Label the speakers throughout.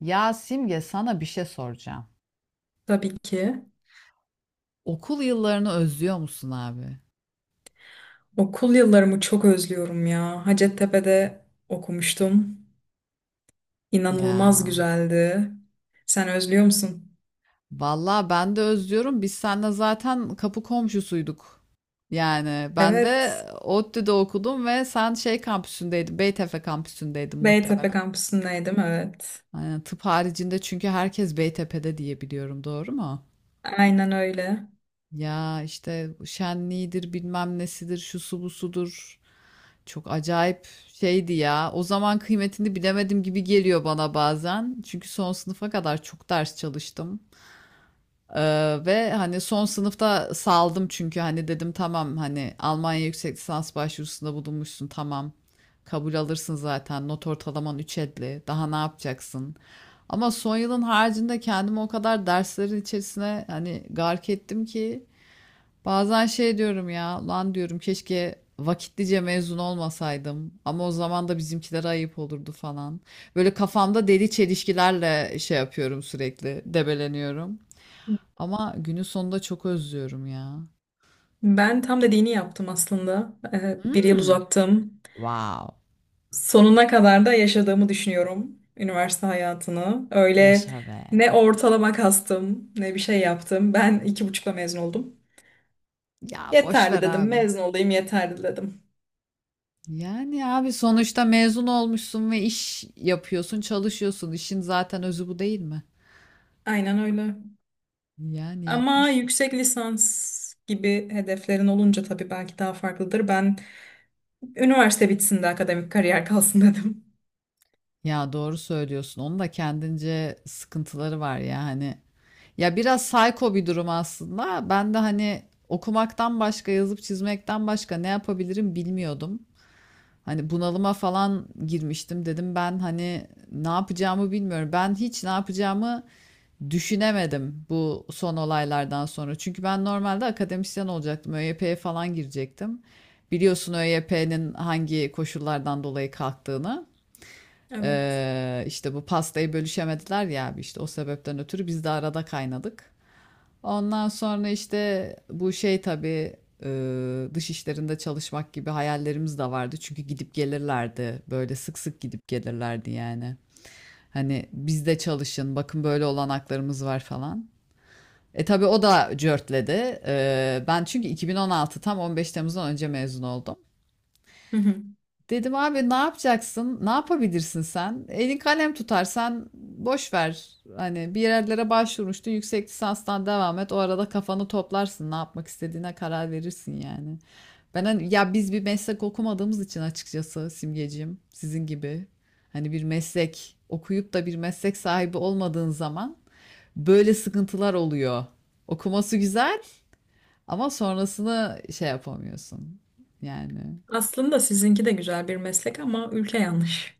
Speaker 1: Ya Simge sana bir şey soracağım.
Speaker 2: Tabii ki.
Speaker 1: Okul yıllarını özlüyor musun abi?
Speaker 2: Okul yıllarımı çok özlüyorum ya. Hacettepe'de okumuştum. İnanılmaz
Speaker 1: Ya
Speaker 2: güzeldi. Sen özlüyor musun?
Speaker 1: vallahi ben de özlüyorum. Biz seninle zaten kapı komşusuyduk. Yani ben de
Speaker 2: Evet.
Speaker 1: ODTÜ'de okudum ve sen şey kampüsündeydin. Beytepe kampüsündeydin
Speaker 2: Beytepe
Speaker 1: muhtemelen.
Speaker 2: kampüsündeydim, evet.
Speaker 1: Aynen, tıp haricinde çünkü herkes Beytepe'de diye biliyorum. Doğru mu?
Speaker 2: Aynen öyle.
Speaker 1: Ya işte bu şenliğidir bilmem nesidir şu su bu sudur. Çok acayip şeydi ya. O zaman kıymetini bilemedim gibi geliyor bana bazen. Çünkü son sınıfa kadar çok ders çalıştım. Ve hani son sınıfta saldım çünkü hani dedim tamam hani Almanya yüksek lisans başvurusunda bulunmuşsun tamam. Kabul alırsın zaten not ortalaman 3,50 daha ne yapacaksın? Ama son yılın haricinde kendimi o kadar derslerin içerisine hani gark ettim ki bazen şey diyorum ya, lan diyorum keşke vakitlice mezun olmasaydım ama o zaman da bizimkilere ayıp olurdu falan. Böyle kafamda deli çelişkilerle şey yapıyorum sürekli, debeleniyorum. Ama günün sonunda çok özlüyorum ya.
Speaker 2: Ben tam dediğini yaptım aslında. Bir yıl
Speaker 1: Hmm,
Speaker 2: uzattım.
Speaker 1: wow,
Speaker 2: Sonuna kadar da yaşadığımı düşünüyorum üniversite hayatını. Öyle
Speaker 1: yaşa be.
Speaker 2: ne ortalama kastım, ne bir şey yaptım. Ben iki buçukla mezun oldum.
Speaker 1: Ya boş
Speaker 2: Yeterli
Speaker 1: ver
Speaker 2: dedim,
Speaker 1: abi.
Speaker 2: mezun olayım yeterli dedim.
Speaker 1: Yani abi sonuçta mezun olmuşsun ve iş yapıyorsun, çalışıyorsun. İşin zaten özü bu değil mi?
Speaker 2: Aynen öyle.
Speaker 1: Yani
Speaker 2: Ama
Speaker 1: yapmış.
Speaker 2: yüksek lisans gibi hedeflerin olunca tabii belki daha farklıdır. Ben üniversite bitsin de akademik kariyer kalsın dedim.
Speaker 1: Ya doğru söylüyorsun. Onun da kendince sıkıntıları var ya hani. Ya biraz psycho bir durum aslında. Ben de hani okumaktan başka, yazıp çizmekten başka ne yapabilirim bilmiyordum. Hani bunalıma falan girmiştim. Dedim ben hani ne yapacağımı bilmiyorum. Ben hiç ne yapacağımı düşünemedim bu son olaylardan sonra. Çünkü ben normalde akademisyen olacaktım. ÖYP'ye falan girecektim. Biliyorsun ÖYP'nin hangi koşullardan dolayı kalktığını.
Speaker 2: Evet.
Speaker 1: İşte bu pastayı bölüşemediler ya abi işte o sebepten ötürü biz de arada kaynadık. Ondan sonra işte bu şey tabii dış işlerinde çalışmak gibi hayallerimiz de vardı. Çünkü gidip gelirlerdi böyle sık sık gidip gelirlerdi yani. Hani bizde çalışın bakın böyle olanaklarımız var falan. E tabii o da cörtledi. Ben çünkü 2016 tam 15 Temmuz'dan önce mezun oldum.
Speaker 2: Hı hı.
Speaker 1: Dedim abi ne yapacaksın? Ne yapabilirsin sen? Elin kalem tutarsan boş ver. Hani bir yerlere başvurmuştun. Yüksek lisanstan devam et. O arada kafanı toplarsın. Ne yapmak istediğine karar verirsin yani. Ben hani, ya biz bir meslek okumadığımız için açıkçası Simgeciğim sizin gibi hani bir meslek okuyup da bir meslek sahibi olmadığın zaman böyle sıkıntılar oluyor. Okuması güzel ama sonrasını şey yapamıyorsun. Yani
Speaker 2: Aslında sizinki de güzel bir meslek ama ülke yanlış.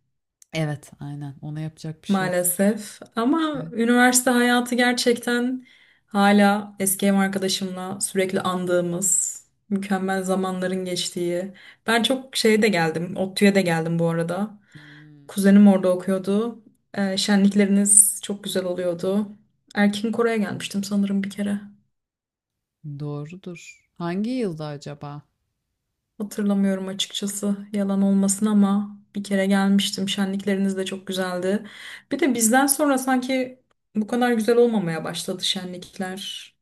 Speaker 1: evet aynen ona yapacak bir şey yok.
Speaker 2: Maalesef. Ama üniversite hayatı gerçekten hala eski ev arkadaşımla sürekli andığımız, mükemmel zamanların geçtiği. Ben çok şeye de geldim, ODTÜ'ye de geldim bu arada.
Speaker 1: Hmm,
Speaker 2: Kuzenim orada okuyordu. Şenlikleriniz çok güzel oluyordu. Erkin Koray'a gelmiştim sanırım bir kere.
Speaker 1: doğrudur. Hangi yılda acaba?
Speaker 2: Hatırlamıyorum açıkçası yalan olmasın ama bir kere gelmiştim. Şenlikleriniz de çok güzeldi. Bir de bizden sonra sanki bu kadar güzel olmamaya başladı şenlikler,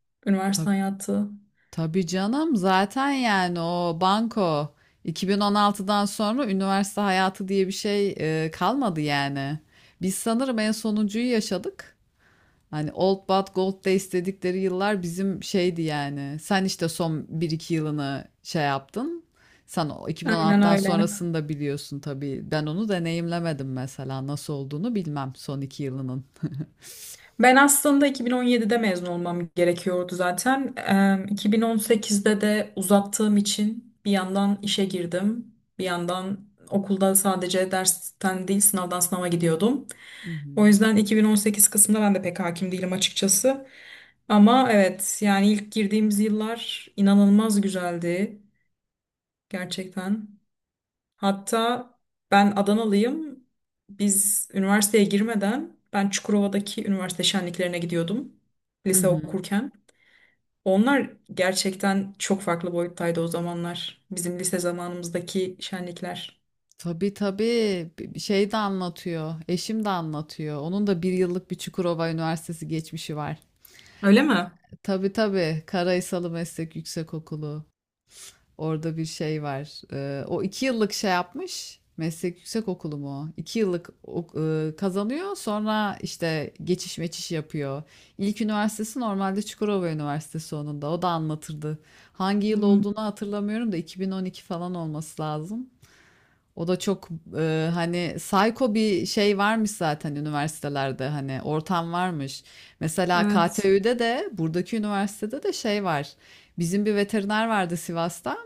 Speaker 1: Tab
Speaker 2: üniversite hayatı.
Speaker 1: tabii canım zaten yani o banko 2016'dan sonra üniversite hayatı diye bir şey kalmadı yani. Biz sanırım en sonuncuyu yaşadık. Hani Old But Gold Days dedikleri yıllar bizim şeydi yani. Sen işte son bir iki yılını şey yaptın. Sen o
Speaker 2: Aynen
Speaker 1: 2016'dan
Speaker 2: öyle.
Speaker 1: sonrasını da biliyorsun tabii. Ben onu deneyimlemedim mesela. Nasıl olduğunu bilmem son 2 yılının.
Speaker 2: Ben aslında 2017'de mezun olmam gerekiyordu zaten. 2018'de de uzattığım için bir yandan işe girdim. Bir yandan okulda sadece dersten değil sınavdan sınava gidiyordum.
Speaker 1: Hı
Speaker 2: O
Speaker 1: hı.
Speaker 2: yüzden 2018 kısmında ben de pek hakim değilim açıkçası. Ama evet yani ilk girdiğimiz yıllar inanılmaz güzeldi gerçekten. Hatta ben Adanalıyım. Biz üniversiteye girmeden ben Çukurova'daki üniversite şenliklerine gidiyordum
Speaker 1: Hı
Speaker 2: lise
Speaker 1: hı.
Speaker 2: okurken. Onlar gerçekten çok farklı boyuttaydı o zamanlar. Bizim lise zamanımızdaki şenlikler.
Speaker 1: Tabii tabii şey de anlatıyor. Eşim de anlatıyor. Onun da bir yıllık bir Çukurova Üniversitesi geçmişi var.
Speaker 2: Öyle mi?
Speaker 1: Tabii tabii Karaysalı Meslek Yüksekokulu. Orada bir şey var. O iki yıllık şey yapmış. Meslek Yüksekokulu mu? O? İki yıllık kazanıyor. Sonra işte geçiş meçiş yapıyor. İlk üniversitesi normalde Çukurova Üniversitesi onun da. O da anlatırdı. Hangi yıl
Speaker 2: Hmm,
Speaker 1: olduğunu hatırlamıyorum da 2012 falan olması lazım. O da çok hani psycho bir şey varmış zaten üniversitelerde hani ortam varmış. Mesela
Speaker 2: evet.
Speaker 1: KTÜ'de de buradaki üniversitede de şey var. Bizim bir veteriner vardı Sivas'ta.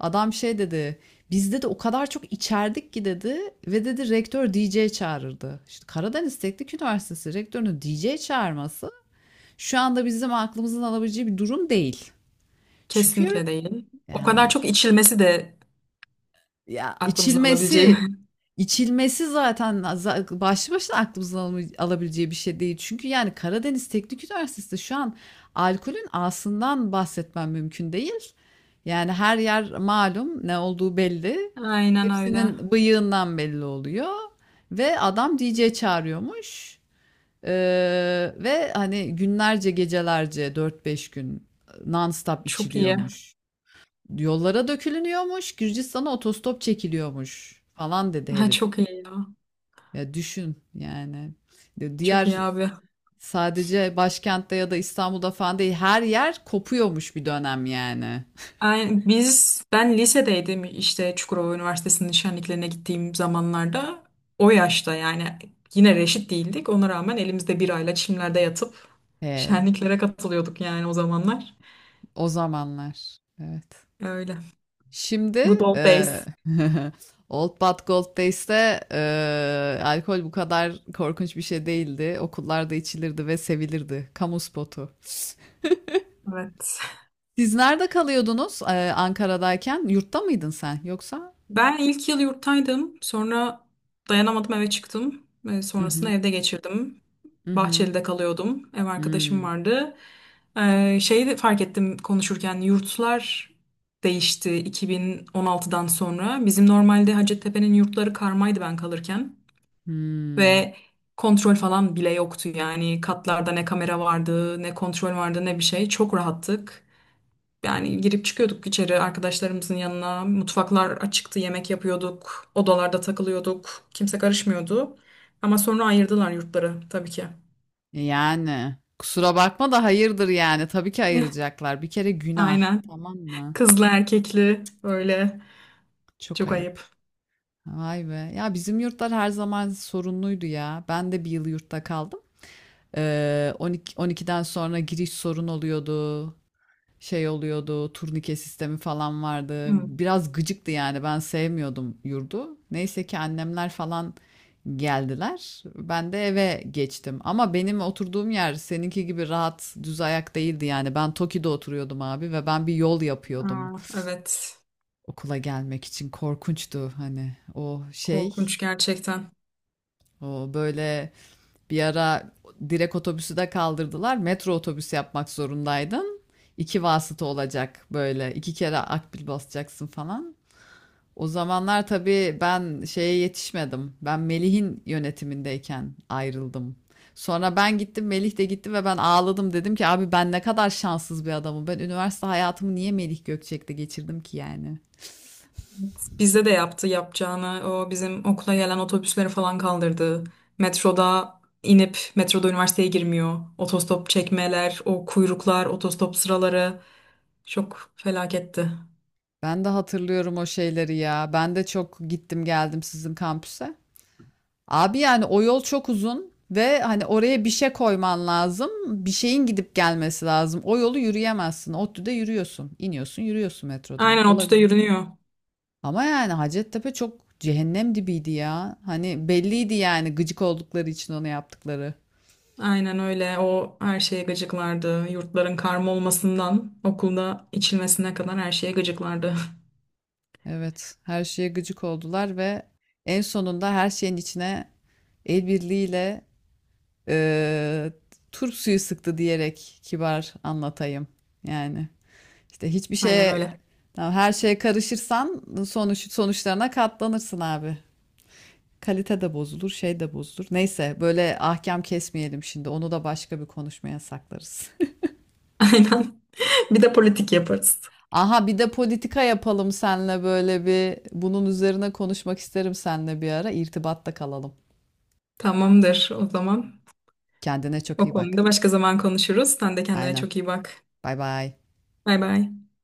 Speaker 1: Adam şey dedi. Bizde de o kadar çok içerdik ki dedi ve dedi rektör DJ çağırırdı. İşte Karadeniz Teknik Üniversitesi rektörünün DJ çağırması şu anda bizim aklımızın alabileceği bir durum değil. Çünkü
Speaker 2: Kesinlikle değil. O kadar
Speaker 1: yani.
Speaker 2: çok içilmesi de
Speaker 1: Ya,
Speaker 2: aklımızın alabileceği.
Speaker 1: içilmesi, içilmesi zaten başlı başına aklımızın alabileceği bir şey değil. Çünkü, yani, Karadeniz Teknik Üniversitesi'nde şu an alkolün A'sından bahsetmem mümkün değil. Yani, her yer malum, ne olduğu belli.
Speaker 2: Aynen öyle.
Speaker 1: Hepsinin bıyığından belli oluyor ve adam DJ çağırıyormuş, eee, ve, hani, günlerce, gecelerce dört beş gün, non stop
Speaker 2: Çok iyi.
Speaker 1: içiliyormuş. Yollara dökülünüyormuş, Gürcistan'a otostop çekiliyormuş falan dedi
Speaker 2: Ha,
Speaker 1: herif.
Speaker 2: çok iyi ya.
Speaker 1: Ya düşün yani.
Speaker 2: Çok
Speaker 1: Diğer
Speaker 2: iyi abi.
Speaker 1: sadece başkentte ya da İstanbul'da falan değil her yer kopuyormuş bir dönem yani.
Speaker 2: Aynen. Biz, ben lisedeydim işte Çukurova Üniversitesi'nin şenliklerine gittiğim zamanlarda o yaşta yani yine reşit değildik. Ona rağmen elimizde birayla çimlerde yatıp
Speaker 1: He,
Speaker 2: şenliklere katılıyorduk yani o zamanlar.
Speaker 1: o zamanlar. Evet.
Speaker 2: Öyle.
Speaker 1: Şimdi
Speaker 2: Good old days.
Speaker 1: Old But Gold Days'te alkol bu kadar korkunç bir şey değildi. Okullarda içilirdi ve sevilirdi. Kamu spotu.
Speaker 2: Evet.
Speaker 1: Siz nerede kalıyordunuz Ankara'dayken? Yurtta mıydın sen yoksa?
Speaker 2: Ben ilk yıl yurttaydım. Sonra dayanamadım eve çıktım.
Speaker 1: Hı
Speaker 2: Sonrasında
Speaker 1: hı.
Speaker 2: evde geçirdim.
Speaker 1: Hı hı.
Speaker 2: Bahçeli'de kalıyordum. Ev arkadaşım
Speaker 1: Hımm.
Speaker 2: vardı. Şeyi de fark ettim konuşurken yurtlar değişti 2016'dan sonra. Bizim normalde Hacettepe'nin yurtları karmaydı ben kalırken.
Speaker 1: Hımm.
Speaker 2: Ve kontrol falan bile yoktu yani. Katlarda ne kamera vardı, ne kontrol vardı, ne bir şey. Çok rahattık. Yani girip çıkıyorduk içeri arkadaşlarımızın yanına. Mutfaklar açıktı, yemek yapıyorduk. Odalarda takılıyorduk. Kimse karışmıyordu. Ama sonra ayırdılar yurtları tabii ki.
Speaker 1: Yani, kusura bakma da hayırdır yani. Tabii ki
Speaker 2: Eh,
Speaker 1: ayıracaklar. Bir kere günah,
Speaker 2: aynen.
Speaker 1: tamam mı?
Speaker 2: Kızlı erkekli öyle.
Speaker 1: Çok
Speaker 2: Çok
Speaker 1: ayıp.
Speaker 2: ayıp.
Speaker 1: Vay be. Ya, bizim yurtlar her zaman sorunluydu ya. Ben de bir yıl yurtta kaldım. 12'den sonra giriş sorun oluyordu. Şey oluyordu, turnike sistemi falan vardı.
Speaker 2: Hı.
Speaker 1: Biraz gıcıktı yani ben sevmiyordum yurdu. Neyse ki annemler falan geldiler. Ben de eve geçtim. Ama benim oturduğum yer seninki gibi rahat, düz ayak değildi yani. Ben Toki'de oturuyordum abi ve ben bir yol yapıyordum
Speaker 2: Aa, evet.
Speaker 1: okula gelmek için. Korkunçtu hani o şey,
Speaker 2: Korkunç gerçekten.
Speaker 1: o böyle bir ara direkt otobüsü de kaldırdılar. Metro otobüsü yapmak zorundaydın. İki vasıta olacak böyle. İki kere akbil basacaksın falan. O zamanlar tabii ben şeye yetişmedim. Ben Melih'in yönetimindeyken ayrıldım. Sonra ben gittim, Melih de gitti ve ben ağladım. Dedim ki abi ben ne kadar şanssız bir adamım. Ben üniversite hayatımı niye Melih Gökçek'te geçirdim ki yani?
Speaker 2: Bizde de yaptı yapacağını. O bizim okula gelen otobüsleri falan kaldırdı. Metroda inip metroda üniversiteye girmiyor. Otostop çekmeler, o kuyruklar, otostop sıraları çok felaketti.
Speaker 1: Ben de hatırlıyorum o şeyleri ya. Ben de çok gittim geldim sizin kampüse. Abi yani o yol çok uzun ve hani oraya bir şey koyman lazım. Bir şeyin gidip gelmesi lazım. O yolu yürüyemezsin. ODTÜ'de yürüyorsun. İniyorsun, yürüyorsun metrodan.
Speaker 2: Aynen ODTÜ'de
Speaker 1: Olabilir.
Speaker 2: yürünüyor.
Speaker 1: Ama yani Hacettepe çok cehennem dibiydi ya. Hani belliydi yani gıcık oldukları için onu yaptıkları.
Speaker 2: Aynen öyle. O her şeye gıcıklardı. Yurtların karma olmasından okulda içilmesine kadar her şeye gıcıklardı.
Speaker 1: Evet, her şeye gıcık oldular ve en sonunda her şeyin içine el birliğiyle eee turp suyu sıktı diyerek kibar anlatayım. Yani. İşte hiçbir
Speaker 2: Aynen
Speaker 1: şeye
Speaker 2: öyle.
Speaker 1: tamam, her şeye karışırsan sonuçlarına katlanırsın abi. Kalite de bozulur, şey de bozulur. Neyse böyle ahkam kesmeyelim şimdi. Onu da başka bir konuşmaya saklarız.
Speaker 2: Aynen. Bir de politik yaparız.
Speaker 1: Aha bir de politika yapalım seninle böyle bir bunun üzerine konuşmak isterim seninle bir ara. İrtibatta kalalım.
Speaker 2: Tamamdır o zaman.
Speaker 1: Kendine çok
Speaker 2: O
Speaker 1: iyi bak.
Speaker 2: konuda başka zaman konuşuruz. Sen de kendine
Speaker 1: Aynen.
Speaker 2: çok iyi bak.
Speaker 1: Bay bay.
Speaker 2: Bay bay.